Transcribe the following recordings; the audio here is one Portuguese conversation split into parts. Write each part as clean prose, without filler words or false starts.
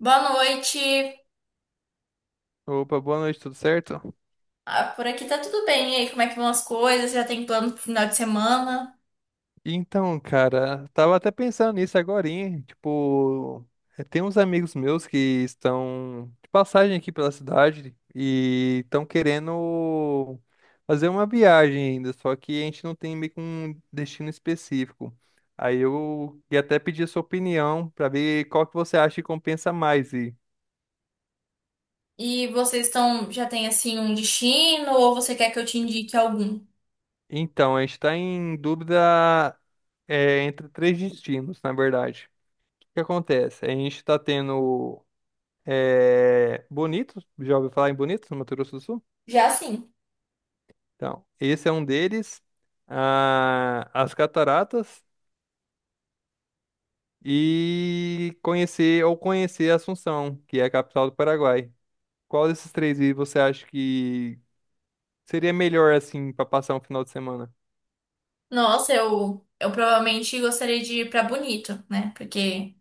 Boa noite. Opa, boa noite, tudo certo? Ah, por aqui tá tudo bem. E aí, como é que vão as coisas? Já tem plano pro final de semana? Então, cara, tava até pensando nisso agorinha, tipo, tem uns amigos meus que estão de passagem aqui pela cidade e estão querendo fazer uma viagem ainda, só que a gente não tem meio que um destino específico. Aí eu ia até pedir a sua opinião pra ver qual que você acha que compensa mais ir. E vocês estão, já tem assim um destino ou você quer que eu te indique algum? Então, a gente está em dúvida, é entre três destinos, na verdade. O que acontece? A gente está tendo É... Bonito, já ouviu falar em Bonito, no Mato Grosso do Sul? Já sim. Então, esse é um deles. Ah, as cataratas e conhecer ou conhecer Assunção, que é a capital do Paraguai. Qual desses três aí você acha que seria melhor assim para passar um final de semana? Nossa, eu provavelmente gostaria de ir pra Bonito, né? Porque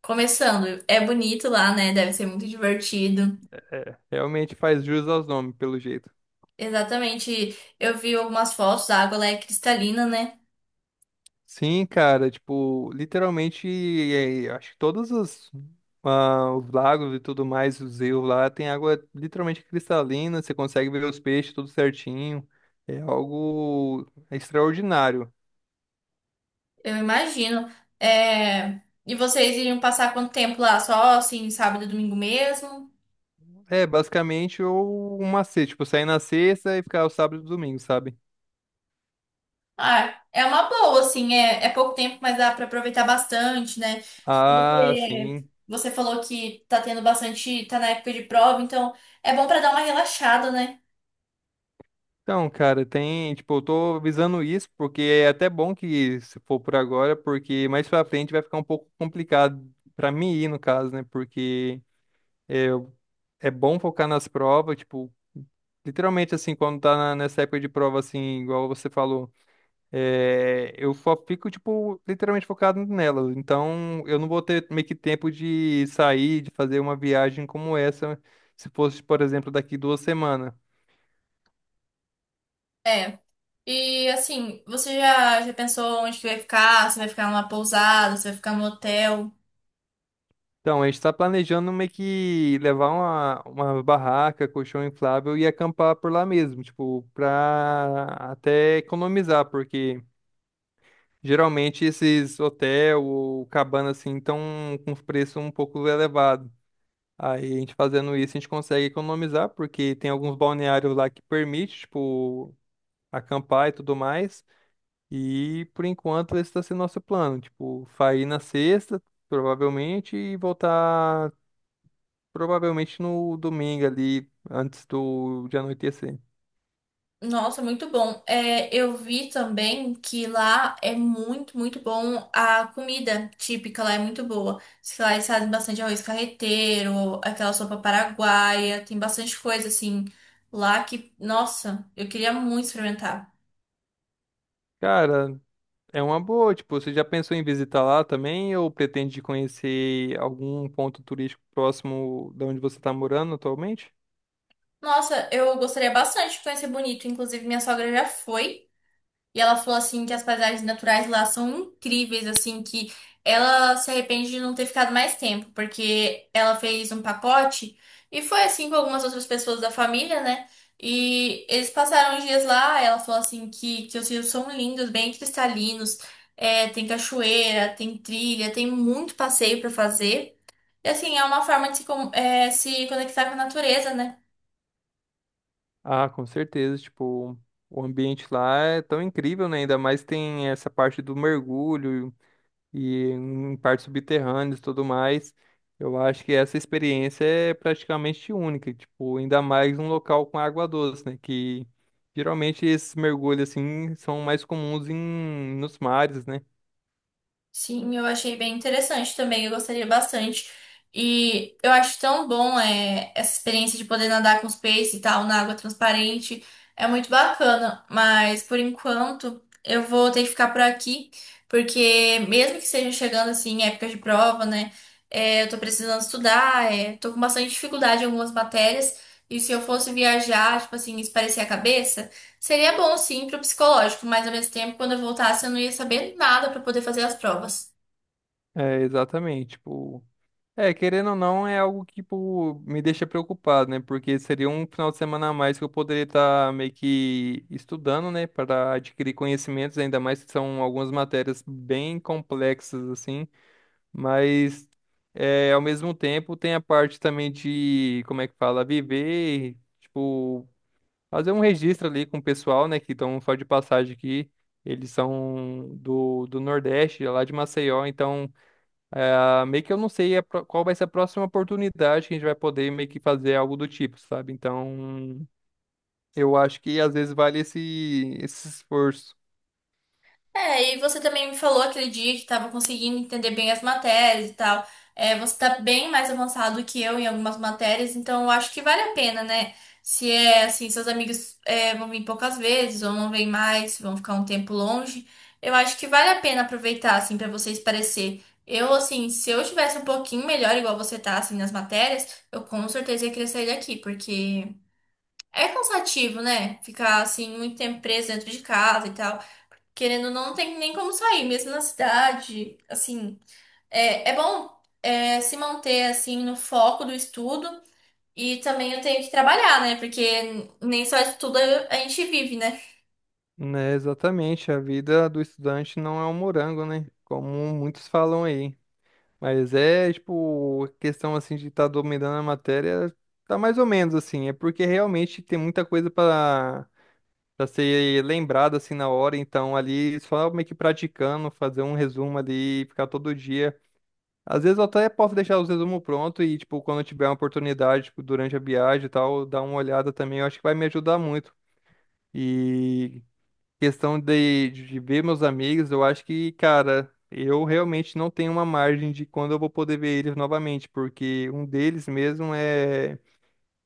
começando, é bonito lá, né? Deve ser muito divertido. Realmente faz jus aos nomes, pelo jeito. Exatamente. Eu vi algumas fotos, a água lá é cristalina, né? Sim, cara, tipo, literalmente, é, acho que todos os, ah, os lagos e tudo mais, os rios lá, tem água literalmente cristalina, você consegue ver os peixes tudo certinho, é algo extraordinário. Eu imagino. É... E vocês iriam passar quanto tempo lá? Só assim, sábado e domingo mesmo? É, basicamente, um macete, tipo, sair na sexta e ficar o sábado e domingo, sabe? Ah, é uma boa, assim, é, é pouco tempo, mas dá pra aproveitar bastante, né? Ah, Porque sim. você falou que tá tendo bastante, tá na época de prova, então é bom pra dar uma relaxada, né? Então, cara, tem, tipo, eu tô visando isso porque é até bom que se for por agora, porque mais pra frente vai ficar um pouco complicado pra mim ir, no caso, né? Porque é bom focar nas provas, tipo, literalmente assim, quando tá nessa época de prova, assim, igual você falou, é, eu só fico, tipo, literalmente focado nela. Então, eu não vou ter meio que tempo de sair, de fazer uma viagem como essa, se fosse, por exemplo, daqui 2 semanas. É. E assim, você já, já pensou onde que vai ficar? Você vai ficar numa pousada, você vai ficar no hotel? Então, a gente está planejando meio que levar uma, barraca, colchão inflável e acampar por lá mesmo, tipo, pra até economizar, porque. Geralmente esses hotel ou cabana assim estão com os preços um pouco elevados. Aí a gente fazendo isso, a gente consegue economizar, porque tem alguns balneários lá que permite, tipo, acampar e tudo mais. E por enquanto esse está sendo nosso plano, tipo, sair na sexta, provavelmente, e voltar provavelmente no domingo ali, antes do de anoitecer. Nossa, muito bom. É, eu vi também que lá é muito, muito bom, a comida típica lá é muito boa. Diz que lá eles fazem bastante arroz carreteiro, aquela sopa paraguaia, tem bastante coisa assim lá que, nossa, eu queria muito experimentar. Cara, é uma boa, tipo, você já pensou em visitar lá também ou pretende conhecer algum ponto turístico próximo da onde você está morando atualmente? Nossa, eu gostaria bastante de conhecer Bonito, inclusive minha sogra já foi. E ela falou assim que as paisagens naturais lá são incríveis, assim, que ela se arrepende de não ter ficado mais tempo, porque ela fez um pacote e foi assim com algumas outras pessoas da família, né? E eles passaram os dias lá, ela falou assim que os rios são lindos, bem cristalinos, é, tem cachoeira, tem trilha, tem muito passeio pra fazer. E assim, é uma forma de se, é, se conectar com a natureza, né? Ah, com certeza, tipo, o ambiente lá é tão incrível, né? Ainda mais tem essa parte do mergulho e em partes subterrâneas e tudo mais. Eu acho que essa experiência é praticamente única, tipo, ainda mais um local com água doce, né? Que geralmente esses mergulhos assim são mais comuns em nos mares, né? Sim, eu achei bem interessante também, eu gostaria bastante. E eu acho tão bom, é, essa experiência de poder nadar com os peixes e tal, na água transparente. É muito bacana, mas por enquanto eu vou ter que ficar por aqui, porque mesmo que seja chegando assim, em época de prova, né? É, eu tô precisando estudar, é, tô com bastante dificuldade em algumas matérias. E se eu fosse viajar, tipo assim, espairecer a cabeça. Seria bom, sim, pro psicológico, mas ao mesmo tempo, quando eu voltasse, eu não ia saber nada para poder fazer as provas. É, exatamente, tipo, é, querendo ou não, é algo que, tipo, me deixa preocupado, né? Porque seria um final de semana a mais que eu poderia estar meio que estudando, né? Para adquirir conhecimentos, ainda mais que são algumas matérias bem complexas, assim. Mas, é, ao mesmo tempo, tem a parte também de, como é que fala, viver, tipo, fazer um registro ali com o pessoal, né? Que estão só de passagem aqui. Eles são do Nordeste, lá de Maceió, então. É, meio que eu não sei a qual vai ser a próxima oportunidade que a gente vai poder meio que fazer algo do tipo, sabe? Então, eu acho que às vezes vale esse, esforço. É, e você também me falou aquele dia que estava conseguindo entender bem as matérias e tal. É, você tá bem mais avançado que eu em algumas matérias, então eu acho que vale a pena, né? Se é assim, seus amigos, é, vão vir poucas vezes ou não vêm mais, vão ficar um tempo longe, eu acho que vale a pena aproveitar, assim, para você esparecer. Eu, assim, se eu tivesse um pouquinho melhor, igual você tá, assim, nas matérias, eu com certeza ia querer sair daqui, porque. É cansativo, né? Ficar assim muito tempo preso dentro de casa e tal. Querendo ou não, não tem nem como sair, mesmo na cidade. Assim, é, é bom, é, se manter assim no foco do estudo. E também eu tenho que trabalhar, né? Porque nem só estudo a gente vive, né? Né, exatamente. A vida do estudante não é um morango, né? Como muitos falam aí. Mas é, tipo, questão assim de estar dominando a matéria, tá mais ou menos assim. É porque realmente tem muita coisa para ser lembrada assim na hora, então ali só meio que praticando, fazer um resumo ali, ficar todo dia. Às vezes eu até posso deixar os resumos prontos e, tipo, quando eu tiver uma oportunidade, tipo, durante a viagem e tal, dar uma olhada também, eu acho que vai me ajudar muito. E questão de, ver meus amigos, eu acho que, cara, eu realmente não tenho uma margem de quando eu vou poder ver eles novamente, porque um deles mesmo é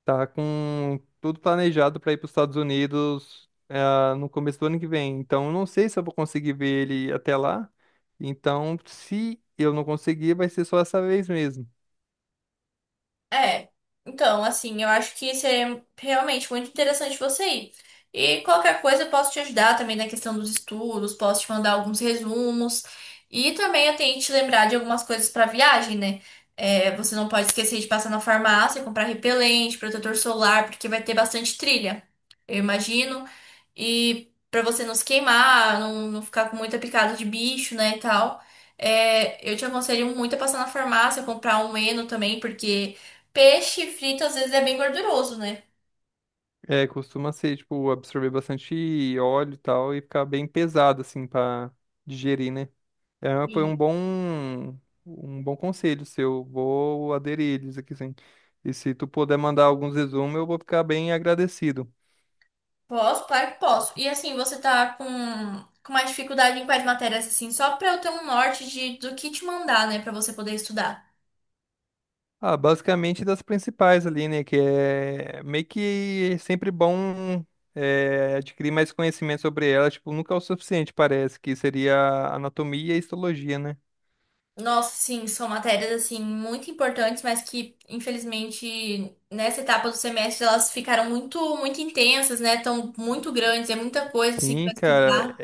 tá com tudo planejado para ir para os Estados Unidos, ah, no começo do ano que vem. Então, eu não sei se eu vou conseguir ver ele até lá. Então, se eu não conseguir, vai ser só essa vez mesmo. É, então, assim, eu acho que seria realmente muito interessante você ir. E qualquer coisa eu posso te ajudar também na questão dos estudos, posso te mandar alguns resumos. E também eu tenho que te lembrar de algumas coisas para viagem, né? É, você não pode esquecer de passar na farmácia, comprar repelente, protetor solar, porque vai ter bastante trilha, eu imagino. E para você não se queimar, não, não ficar com muita picada de bicho, né, e tal. É, eu te aconselho muito a passar na farmácia, comprar um Eno também, porque. Peixe frito às vezes é bem gorduroso, né? É, costuma ser, tipo, absorver bastante óleo e tal e ficar bem pesado, assim, pra digerir, né? É, foi E um bom conselho seu. Vou aderir eles aqui, sim. E se tu puder mandar alguns resumos, eu vou ficar bem agradecido. posso, claro que posso. E assim, você tá com mais dificuldade em quais matérias, assim, só pra eu ter um norte de, do que te mandar, né, pra você poder estudar. Ah, basicamente das principais ali, né? Que é meio que é sempre bom é, adquirir mais conhecimento sobre elas. Tipo, nunca é o suficiente, parece, que seria anatomia e histologia, né? Nossa, sim, são matérias, assim, muito importantes, mas que, infelizmente, nessa etapa do semestre, elas ficaram muito, muito intensas, né, tão muito grandes, é muita coisa, assim, Sim, pra cara. estudar.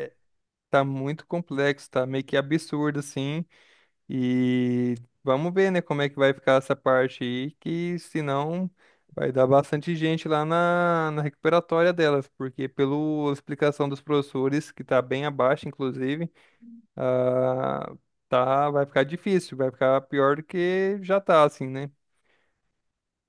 Tá muito complexo, tá meio que absurdo, assim. E vamos ver, né, como é que vai ficar essa parte aí, que senão vai dar bastante gente lá na recuperatória delas, porque pela explicação dos professores, que tá bem abaixo, inclusive, ah, tá, vai ficar difícil, vai ficar pior do que já tá, assim, né?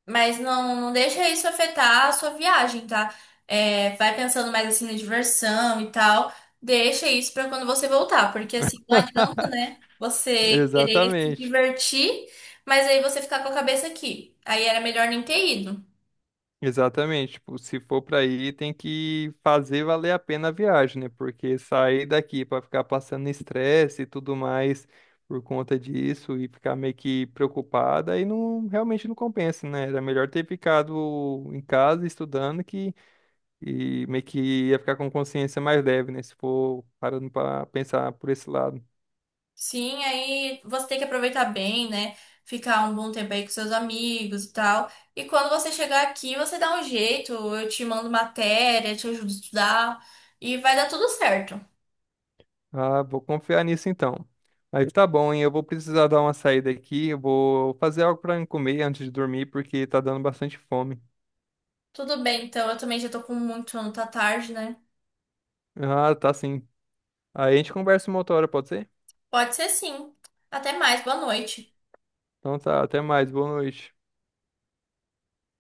Mas não, não deixa isso afetar a sua viagem, tá? É, vai pensando mais assim na diversão e tal. Deixa isso pra quando você voltar, porque assim não adianta, né? Você querer se Exatamente. divertir, mas aí você ficar com a cabeça aqui. Aí era melhor nem ter ido. Exatamente, tipo, se for para ir, tem que fazer valer a pena a viagem, né? Porque sair daqui para ficar passando estresse e tudo mais por conta disso e ficar meio que preocupada, aí não realmente não compensa, né? Era melhor ter ficado em casa estudando que e meio que ia ficar com consciência mais leve, né? Se for parando para pensar por esse lado. Sim, aí você tem que aproveitar bem, né? Ficar um bom tempo aí com seus amigos e tal. E quando você chegar aqui, você dá um jeito, eu te mando matéria, te ajudo a estudar e vai dar tudo certo. Ah, vou confiar nisso então. Mas tá bom, hein? Eu vou precisar dar uma saída aqui. Eu vou fazer algo pra comer antes de dormir, porque tá dando bastante fome. Tudo bem, então eu também já tô com muito sono, tá tarde, né? Ah, tá sim. Aí a gente conversa uma outra hora, pode ser? Pode ser sim. Até mais, boa noite. Então tá, até mais. Boa noite.